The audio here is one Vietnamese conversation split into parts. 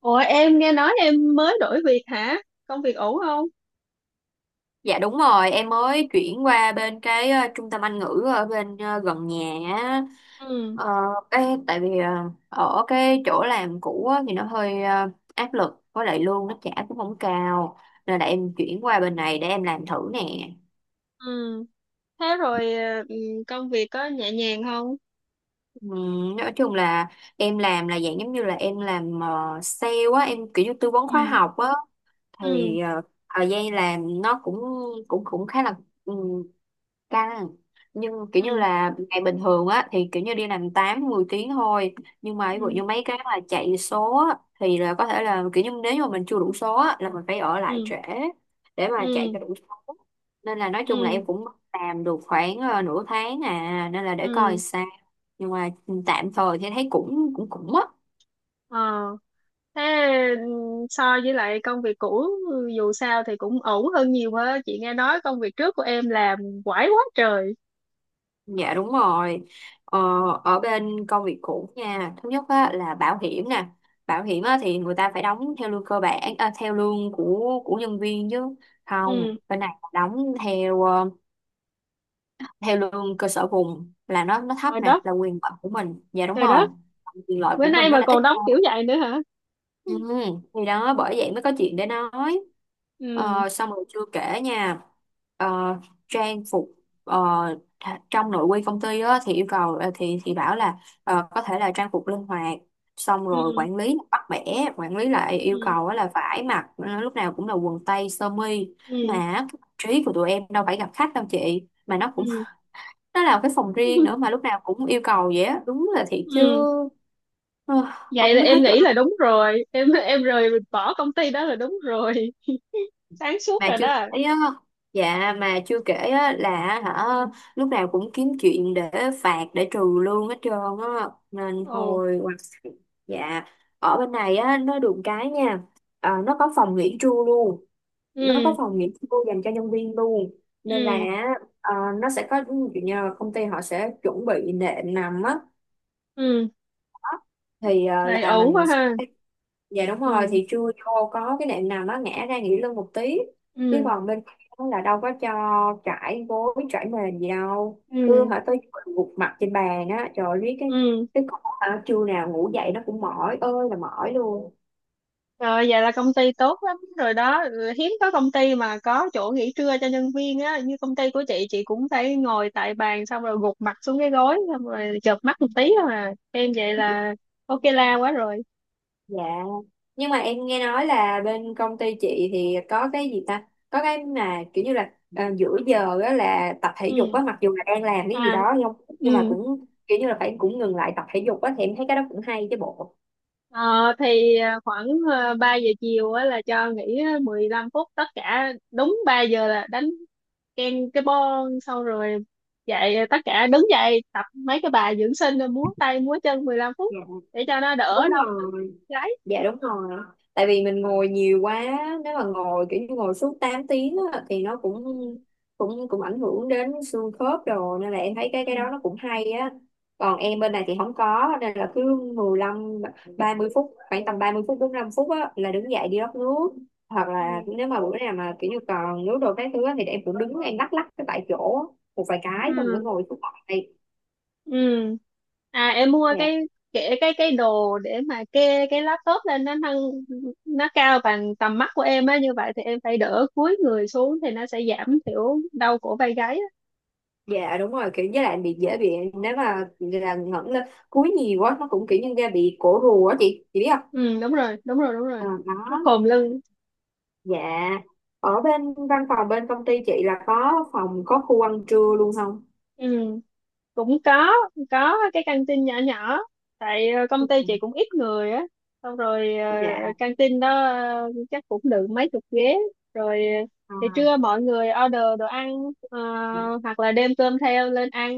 Ủa em nghe nói em mới đổi việc hả? Công việc ổn không? Dạ đúng rồi, em mới chuyển qua bên cái trung tâm Anh ngữ ở bên gần nhà á. Ừ, Ờ, cái tại vì ở cái chỗ làm cũ á, thì nó hơi áp lực với lại lương nó trả cũng không cao nên là em chuyển qua bên này để em làm thử nè. ừ. Thế rồi công việc có nhẹ nhàng không? Nói chung là em làm là dạng giống như là em làm sale á, em kiểu như tư vấn khóa Ừ, học á ừ, thì thời gian làm nó cũng cũng cũng khá là căng, nhưng kiểu như ừ, là ngày bình thường á thì kiểu như đi làm 8 10 tiếng thôi. Nhưng mà ví dụ ừ, như mấy cái mà chạy số á, thì là có thể là kiểu như nếu như mà mình chưa đủ số á, là mình phải ở lại ừ, trễ để mà chạy ừ, cho đủ số. Nên là nói chung là ừ, em cũng làm được khoảng nửa tháng à, nên là để coi ừ. sao, nhưng mà tạm thời thì thấy cũng cũng cũng á. Ờ, thế ừ, so với lại công việc cũ dù sao thì cũng ổn hơn nhiều á. Chị nghe nói công việc trước của em làm quải quá trời. Dạ đúng rồi. Ờ, ở bên công việc cũ nha, thứ nhất á, là bảo hiểm nè. Bảo hiểm á, thì người ta phải đóng theo lương cơ bản, à, theo lương của nhân viên chứ. Không, Ừ, bên này là đóng theo theo lương cơ sở vùng, là nó thấp trời nè, đất, là quyền lợi của mình. Dạ đúng trời rồi. đất. Quyền lợi Bữa của nay mình nó mà đã ít còn đóng hơn. kiểu vậy nữa hả? Ừ, Ừ, thì đó, bởi vậy mới có chuyện để nói. ừ, Xong rồi chưa kể nha, ờ, trang phục, ờ, trong nội quy công ty á, thì yêu cầu thì bảo là có thể là trang phục linh hoạt, xong rồi ừ, quản lý bắt bẻ, quản lý lại yêu ừ, cầu á là phải mặc lúc nào cũng là quần tây sơ mi, ừ. mà cái mặt trí của tụi em đâu phải gặp khách đâu chị mà nó cũng nó là cái phòng riêng nữa mà lúc nào cũng yêu cầu vậy á, đúng là thiệt chứ. Ừ. ờ, Vậy Không là biết hết em chỗ. nghĩ là đúng rồi, em rời mình bỏ công ty đó là đúng rồi, sáng suốt Mà rồi chưa đó. kể á, dạ mà chưa kể á là hả, lúc nào cũng kiếm chuyện để phạt, để trừ lương hết trơn á. Nên Ồ, hồi, dạ, ở bên này á nó được cái nha. Ờ, nó có phòng nghỉ trưa luôn, nó có ừ, phòng nghỉ trưa dành cho nhân viên luôn. Nên là ừ, ờ, nó sẽ có, ví dụ như là công ty họ sẽ chuẩn bị nệm nằm á, ừ. thì Vậy là ổn quá mình ha. sẽ, dạ đúng rồi, Ừ, thì trưa vô có cái nệm nào nó ngã ra nghỉ lưng một tí. Chứ ừ, còn bên đó là đâu có cho trải gối trải mền gì đâu, cứ ừ, hả tới chiều gục mặt trên bàn á, trời ơi, biết ừ, cái con hả, trưa nào ngủ dậy nó cũng mỏi ơi là mỏi luôn. rồi vậy là công ty tốt lắm rồi đó. Ừ, hiếm có công ty mà có chỗ nghỉ trưa cho nhân viên á, như công ty của chị cũng phải ngồi tại bàn xong rồi gục mặt xuống cái gối xong rồi chợp mắt một tí thôi. À em vậy là ok la quá rồi. Dạ, nhưng mà em nghe nói là bên công ty chị thì có cái gì ta, có cái mà kiểu như là à, giữa giờ á là tập thể dục Ừ, á, mặc dù là đang làm cái à, gì đó ừ. nhưng mà cũng kiểu như là phải cũng ngừng lại tập thể dục á, thì em thấy cái đó cũng hay chứ bộ. Ờ, thì ờ, khoảng ờ, 3 giờ chiều á, là cho nghỉ 15 phút, tất cả đúng 3 giờ là đánh ken cái bon xong rồi dậy, tất cả đứng dậy tập mấy cái bài dưỡng sinh rồi múa tay múa chân 15 Dạ, phút để cho nó đỡ đúng đau rồi, gáy. dạ đúng rồi, tại vì mình ngồi nhiều quá, nếu mà ngồi kiểu như ngồi suốt 8 tiếng á, thì nó cũng cũng cũng ảnh hưởng đến xương khớp rồi, nên là em thấy cái đó Ừ. nó cũng hay á. Còn Ừ. em bên này thì không có, nên là cứ mười lăm, ba mươi phút, khoảng tầm 30 phút 45 phút á, là đứng dậy đi rót nước, hoặc là Ừ. nếu mà bữa nào mà kiểu như còn nước đồ cái thứ á, thì em cũng đứng em lắc lắc cái tại chỗ á, một vài cái xong mới Ừ, ngồi xuống lại. ừ, à em mua Dạ, cái kệ, cái đồ để mà kê cái laptop lên, nó nâng nó cao bằng tầm mắt của em á, như vậy thì em phải đỡ cúi người xuống thì nó sẽ giảm thiểu đau cổ vai gáy. dạ đúng rồi, kiểu với lại bị, dễ bị, nếu mà là ngẩng lên cúi nhiều quá nó cũng kiểu như da bị cổ rùa á chị biết không? Ừ, đúng rồi, đúng rồi, đúng À, rồi. Nó đó. khom lưng. Dạ, ở bên văn phòng bên công ty chị là có phòng, có khu ăn trưa luôn không? Ừ, cũng có cái căng tin nhỏ nhỏ, tại công ty chị cũng ít người á, xong rồi Dạ, căng tin đó chắc cũng được mấy chục ghế, rồi thì à, trưa mọi người order đồ ăn, ờ, hoặc là đem cơm theo lên ăn.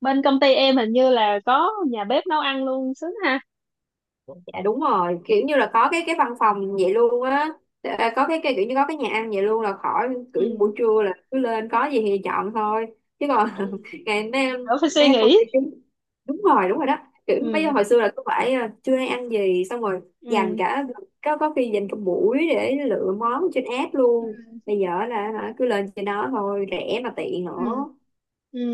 Bên công ty em hình như là có nhà bếp nấu ăn luôn, sướng ha. dạ đúng rồi, kiểu như là có cái văn phòng vậy luôn á. À, có cái kiểu như có cái nhà ăn vậy luôn, là khỏi kiểu như Ừ, buổi trưa là cứ lên có gì thì chọn thôi, chứ còn ừ, ngày mấy em, đỡ phải mấy suy em công nghĩ. ty chính- đúng rồi đó, kiểu bây giờ, Ừ, hồi xưa là cứ phải à, trưa nay ăn gì, xong rồi dành ừ, cả, có khi dành cả buổi để lựa món trên app luôn, bây giờ là hả, cứ lên trên đó thôi, rẻ mà tiện ừ, nữa. ừ,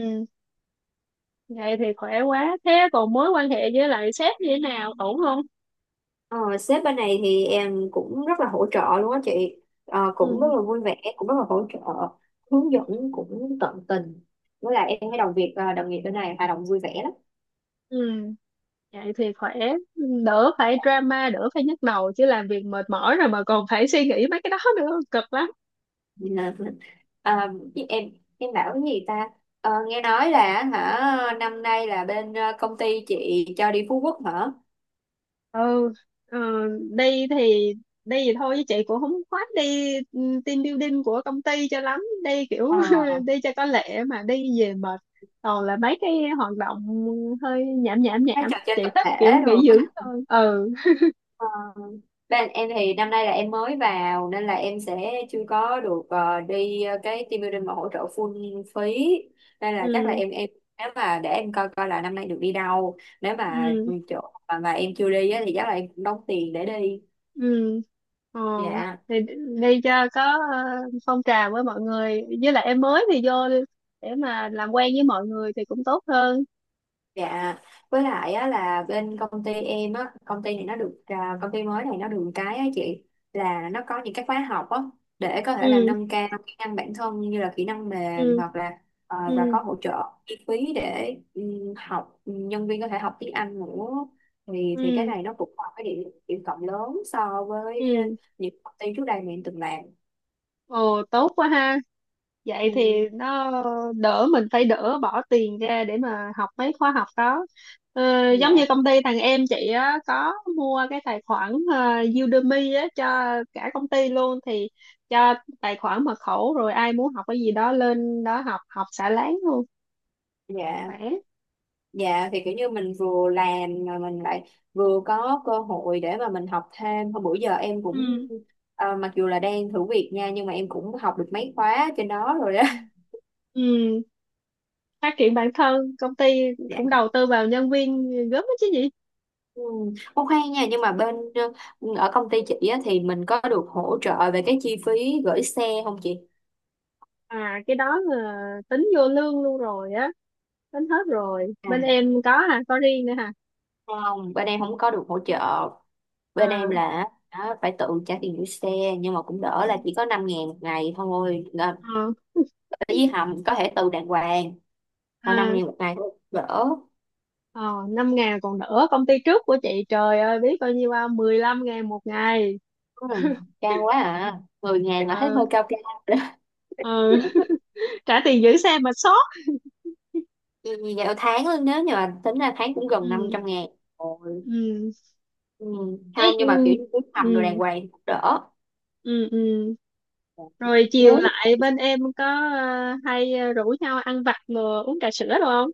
vậy thì khỏe quá. Thế còn mối quan hệ với lại sếp như thế nào, ổn không? Ờ, sếp bên này thì em cũng rất là hỗ trợ luôn á chị. Ờ, cũng rất Ừ, là vui vẻ, cũng rất là hỗ trợ, hướng dẫn cũng tận tình. Với lại em thấy đồng việc đồng nghiệp bên này hoạt động vui vẻ lắm. ừ, vậy thì khỏe, đỡ phải drama, đỡ phải nhức đầu, chứ làm việc mệt mỏi rồi mà còn phải suy nghĩ mấy cái đó nữa cực lắm. Nên là, ờ, chứ em bảo cái gì ta. Ờ, nghe nói là hả, năm nay là bên công ty chị cho đi Phú Quốc hả. Ừ. ờ, Đi thì đi thì thôi chứ chị cũng không khoát đi. Ừ, team building của công ty cho lắm đi kiểu Ờ, đi cho có lệ mà đi về mệt, toàn là mấy cái hoạt động hơi nhảm nhảm cái nhảm, trò chơi chị tập thích kiểu thể rồi. nghỉ dưỡng thôi. Ừ, Ờ, bên em thì năm nay là em mới vào, nên là em sẽ chưa có được đi cái team building mà hỗ trợ full phí, nên là chắc là ừ, em, nếu mà, để em coi coi là năm nay được đi đâu, nếu mà ừ, chỗ mà em chưa đi á, thì chắc là em cũng đóng tiền để đi. ừ. ờ Dạ. thì đi cho có ờ, phong trào với mọi người, với lại em mới thì vô để mà làm quen với mọi người thì cũng tốt hơn. Dạ, với lại á, là bên công ty em á, công ty này nó được à, công ty mới này nó được cái á chị, là nó có những cái khóa học á để có thể là Ừ, nâng cao kỹ năng bản thân, như là kỹ năng mềm ừ, hoặc là và ừ, có hỗ trợ chi phí để học, nhân viên có thể học tiếng Anh nữa. Thì cái ừ, này nó cũng là cái điểm điểm cộng lớn so với ừ. những công ty trước đây mà em từng làm. Ồ, tốt quá ha. Vậy thì Ừm, nó đỡ mình phải đỡ bỏ tiền ra để mà học mấy khóa học đó. Giống dạ, như công ty thằng em chị á, có mua cái tài khoản Udemy á, cho cả công ty luôn, thì cho tài khoản mật khẩu, rồi ai muốn học cái gì đó lên đó học học xả láng luôn, dạ. khỏe. Dạ thì kiểu như mình vừa làm mà mình lại vừa có cơ hội để mà mình học thêm. Hôm bữa giờ em cũng Ừ, mặc dù là đang thử việc nha, nhưng mà em cũng học được mấy khóa trên đó rồi đó. ừ, ừ, phát triển bản thân, công ty cũng đầu Dạ. tư vào nhân viên gớm đó chứ gì. Ừ. Ô khoan nha, nhưng mà bên ở công ty chị á, thì mình có được hỗ trợ về cái chi phí gửi xe không chị? À, cái đó là tính vô lương luôn rồi á, tính hết rồi. À, Bên em có, à có riêng nữa hả? không, bên em không có được hỗ trợ. Bên em À, là á, phải tự trả tiền gửi xe, nhưng mà cũng đỡ là chỉ có 5 ngàn một ngày thôi. à, Với hầm có thể từ đàng hoàng, thôi năm à, ngàn một ngày thôi đỡ. à, 5 ngàn còn đỡ, công ty trước của chị trời ơi biết bao nhiêu không, 15 ngàn một ngày. Ừ, cao quá à, mười ngàn là thấy Ờ, hơi cao cao rồi đó. ờ, trả tiền giữ xe mà sót. Vì dạo tháng luôn, nếu như mà tính ra tháng cũng gần năm Ừ, trăm ngàn. Ôi. ừ, Ừ. Không, thế, nhưng mà kiểu ừ, như cứ hầm đồ đàng ừ, hoàng thì cũng đỡ, ừ, ừ. Rồi chiều nếu lại bên em có hay rủ nhau ăn vặt rồi uống trà sữa đúng không?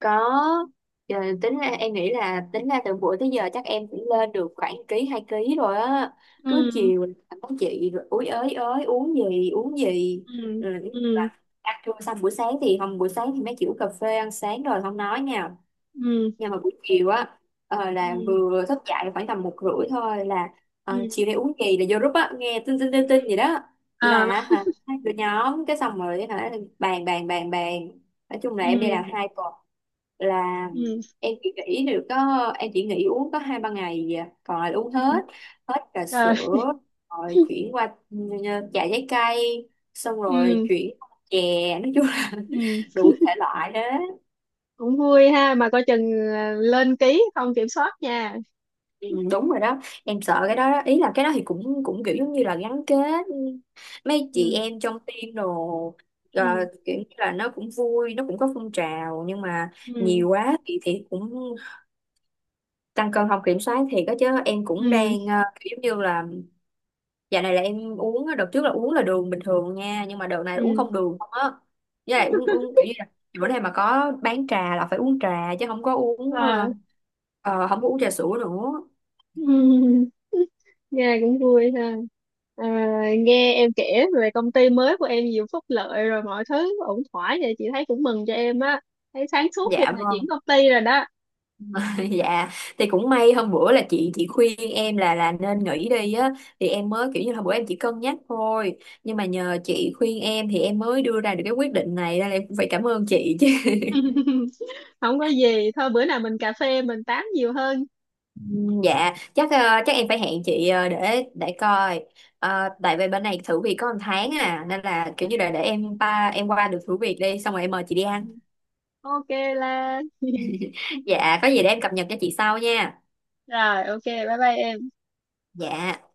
có. Ờ, tính ra em nghĩ là tính ra từ bữa tới giờ chắc em cũng lên được khoảng ký, hai ký rồi á, cứ Ừ, chiều làm có chị rồi úi ới ới, uống gì uống gì. ừ, Ừ, ừ, và ăn trưa xong, buổi sáng thì hôm buổi sáng thì mấy kiểu cà phê ăn sáng rồi không nói nha, ừ, nhưng mà buổi chiều á, là ừ, vừa thức dậy khoảng tầm một rưỡi thôi là ừ, chiều nay uống kỳ là vô group á, nghe tin tin gì đó, là à, hả hai đứa nhóm cái xong rồi hả, bàn bàn bàn bàn, nói chung là em đi làm ừ, hai tuần là ừ, em chỉ nghỉ được có, em chỉ nghỉ uống có hai ba ngày gì à. Còn lại uống ừ, hết, hết trà trời, sữa rồi chuyển qua trà trái cây, xong rồi ừ, chuyển qua chè, nói chung là ừ, đủ thể loại đó. cũng vui ha, mà coi chừng à, lên ký không kiểm soát nha. Ừ, đúng rồi đó, em sợ cái đó, đó ý là cái đó thì cũng cũng kiểu giống như là gắn kết mấy chị Ừ, em trong team đồ, ờ, ừ, kiểu như là nó cũng vui, nó cũng có phong trào, nhưng mà ừ, nhiều quá thì cũng tăng cân không kiểm soát thì có, chứ em cũng ừ, đang kiểu giống như là, dạo này là em uống á, đợt trước là uống là đường bình thường nha, nhưng mà đợt này là uống ừ, không đường không á, với lại uống uống kiểu như là bữa nay mà có bán trà là phải uống trà chứ không có uống à, không có uống trà sữa nữa. ừ. Nghe cũng vui ha. À, nghe em kể về công ty mới của em nhiều phúc lợi rồi mọi thứ ổn thỏa vậy, chị thấy cũng mừng cho em á, thấy sáng suốt khi Dạ mà chuyển vâng. công ty rồi đó. Dạ, thì cũng may hôm bữa là chị khuyên em là nên nghỉ đi á, thì em mới kiểu như là bữa em chỉ cân nhắc thôi, nhưng mà nhờ chị khuyên em thì em mới đưa ra được cái quyết định này, nên là em cũng phải cảm ơn chị chứ. Không có gì, thôi bữa nào mình cà phê mình tám nhiều hơn. Ừ, dạ chắc chắc em phải hẹn chị để coi. Ờ, tại vì bên này thử việc có một tháng à, nên là kiểu như là để em ba, em qua được thử việc đi xong rồi em mời chị đi Ừ, ăn. ok là Dạ, có gì để em cập nhật cho chị sau nha. rồi, ok, bye bye em. Dạ.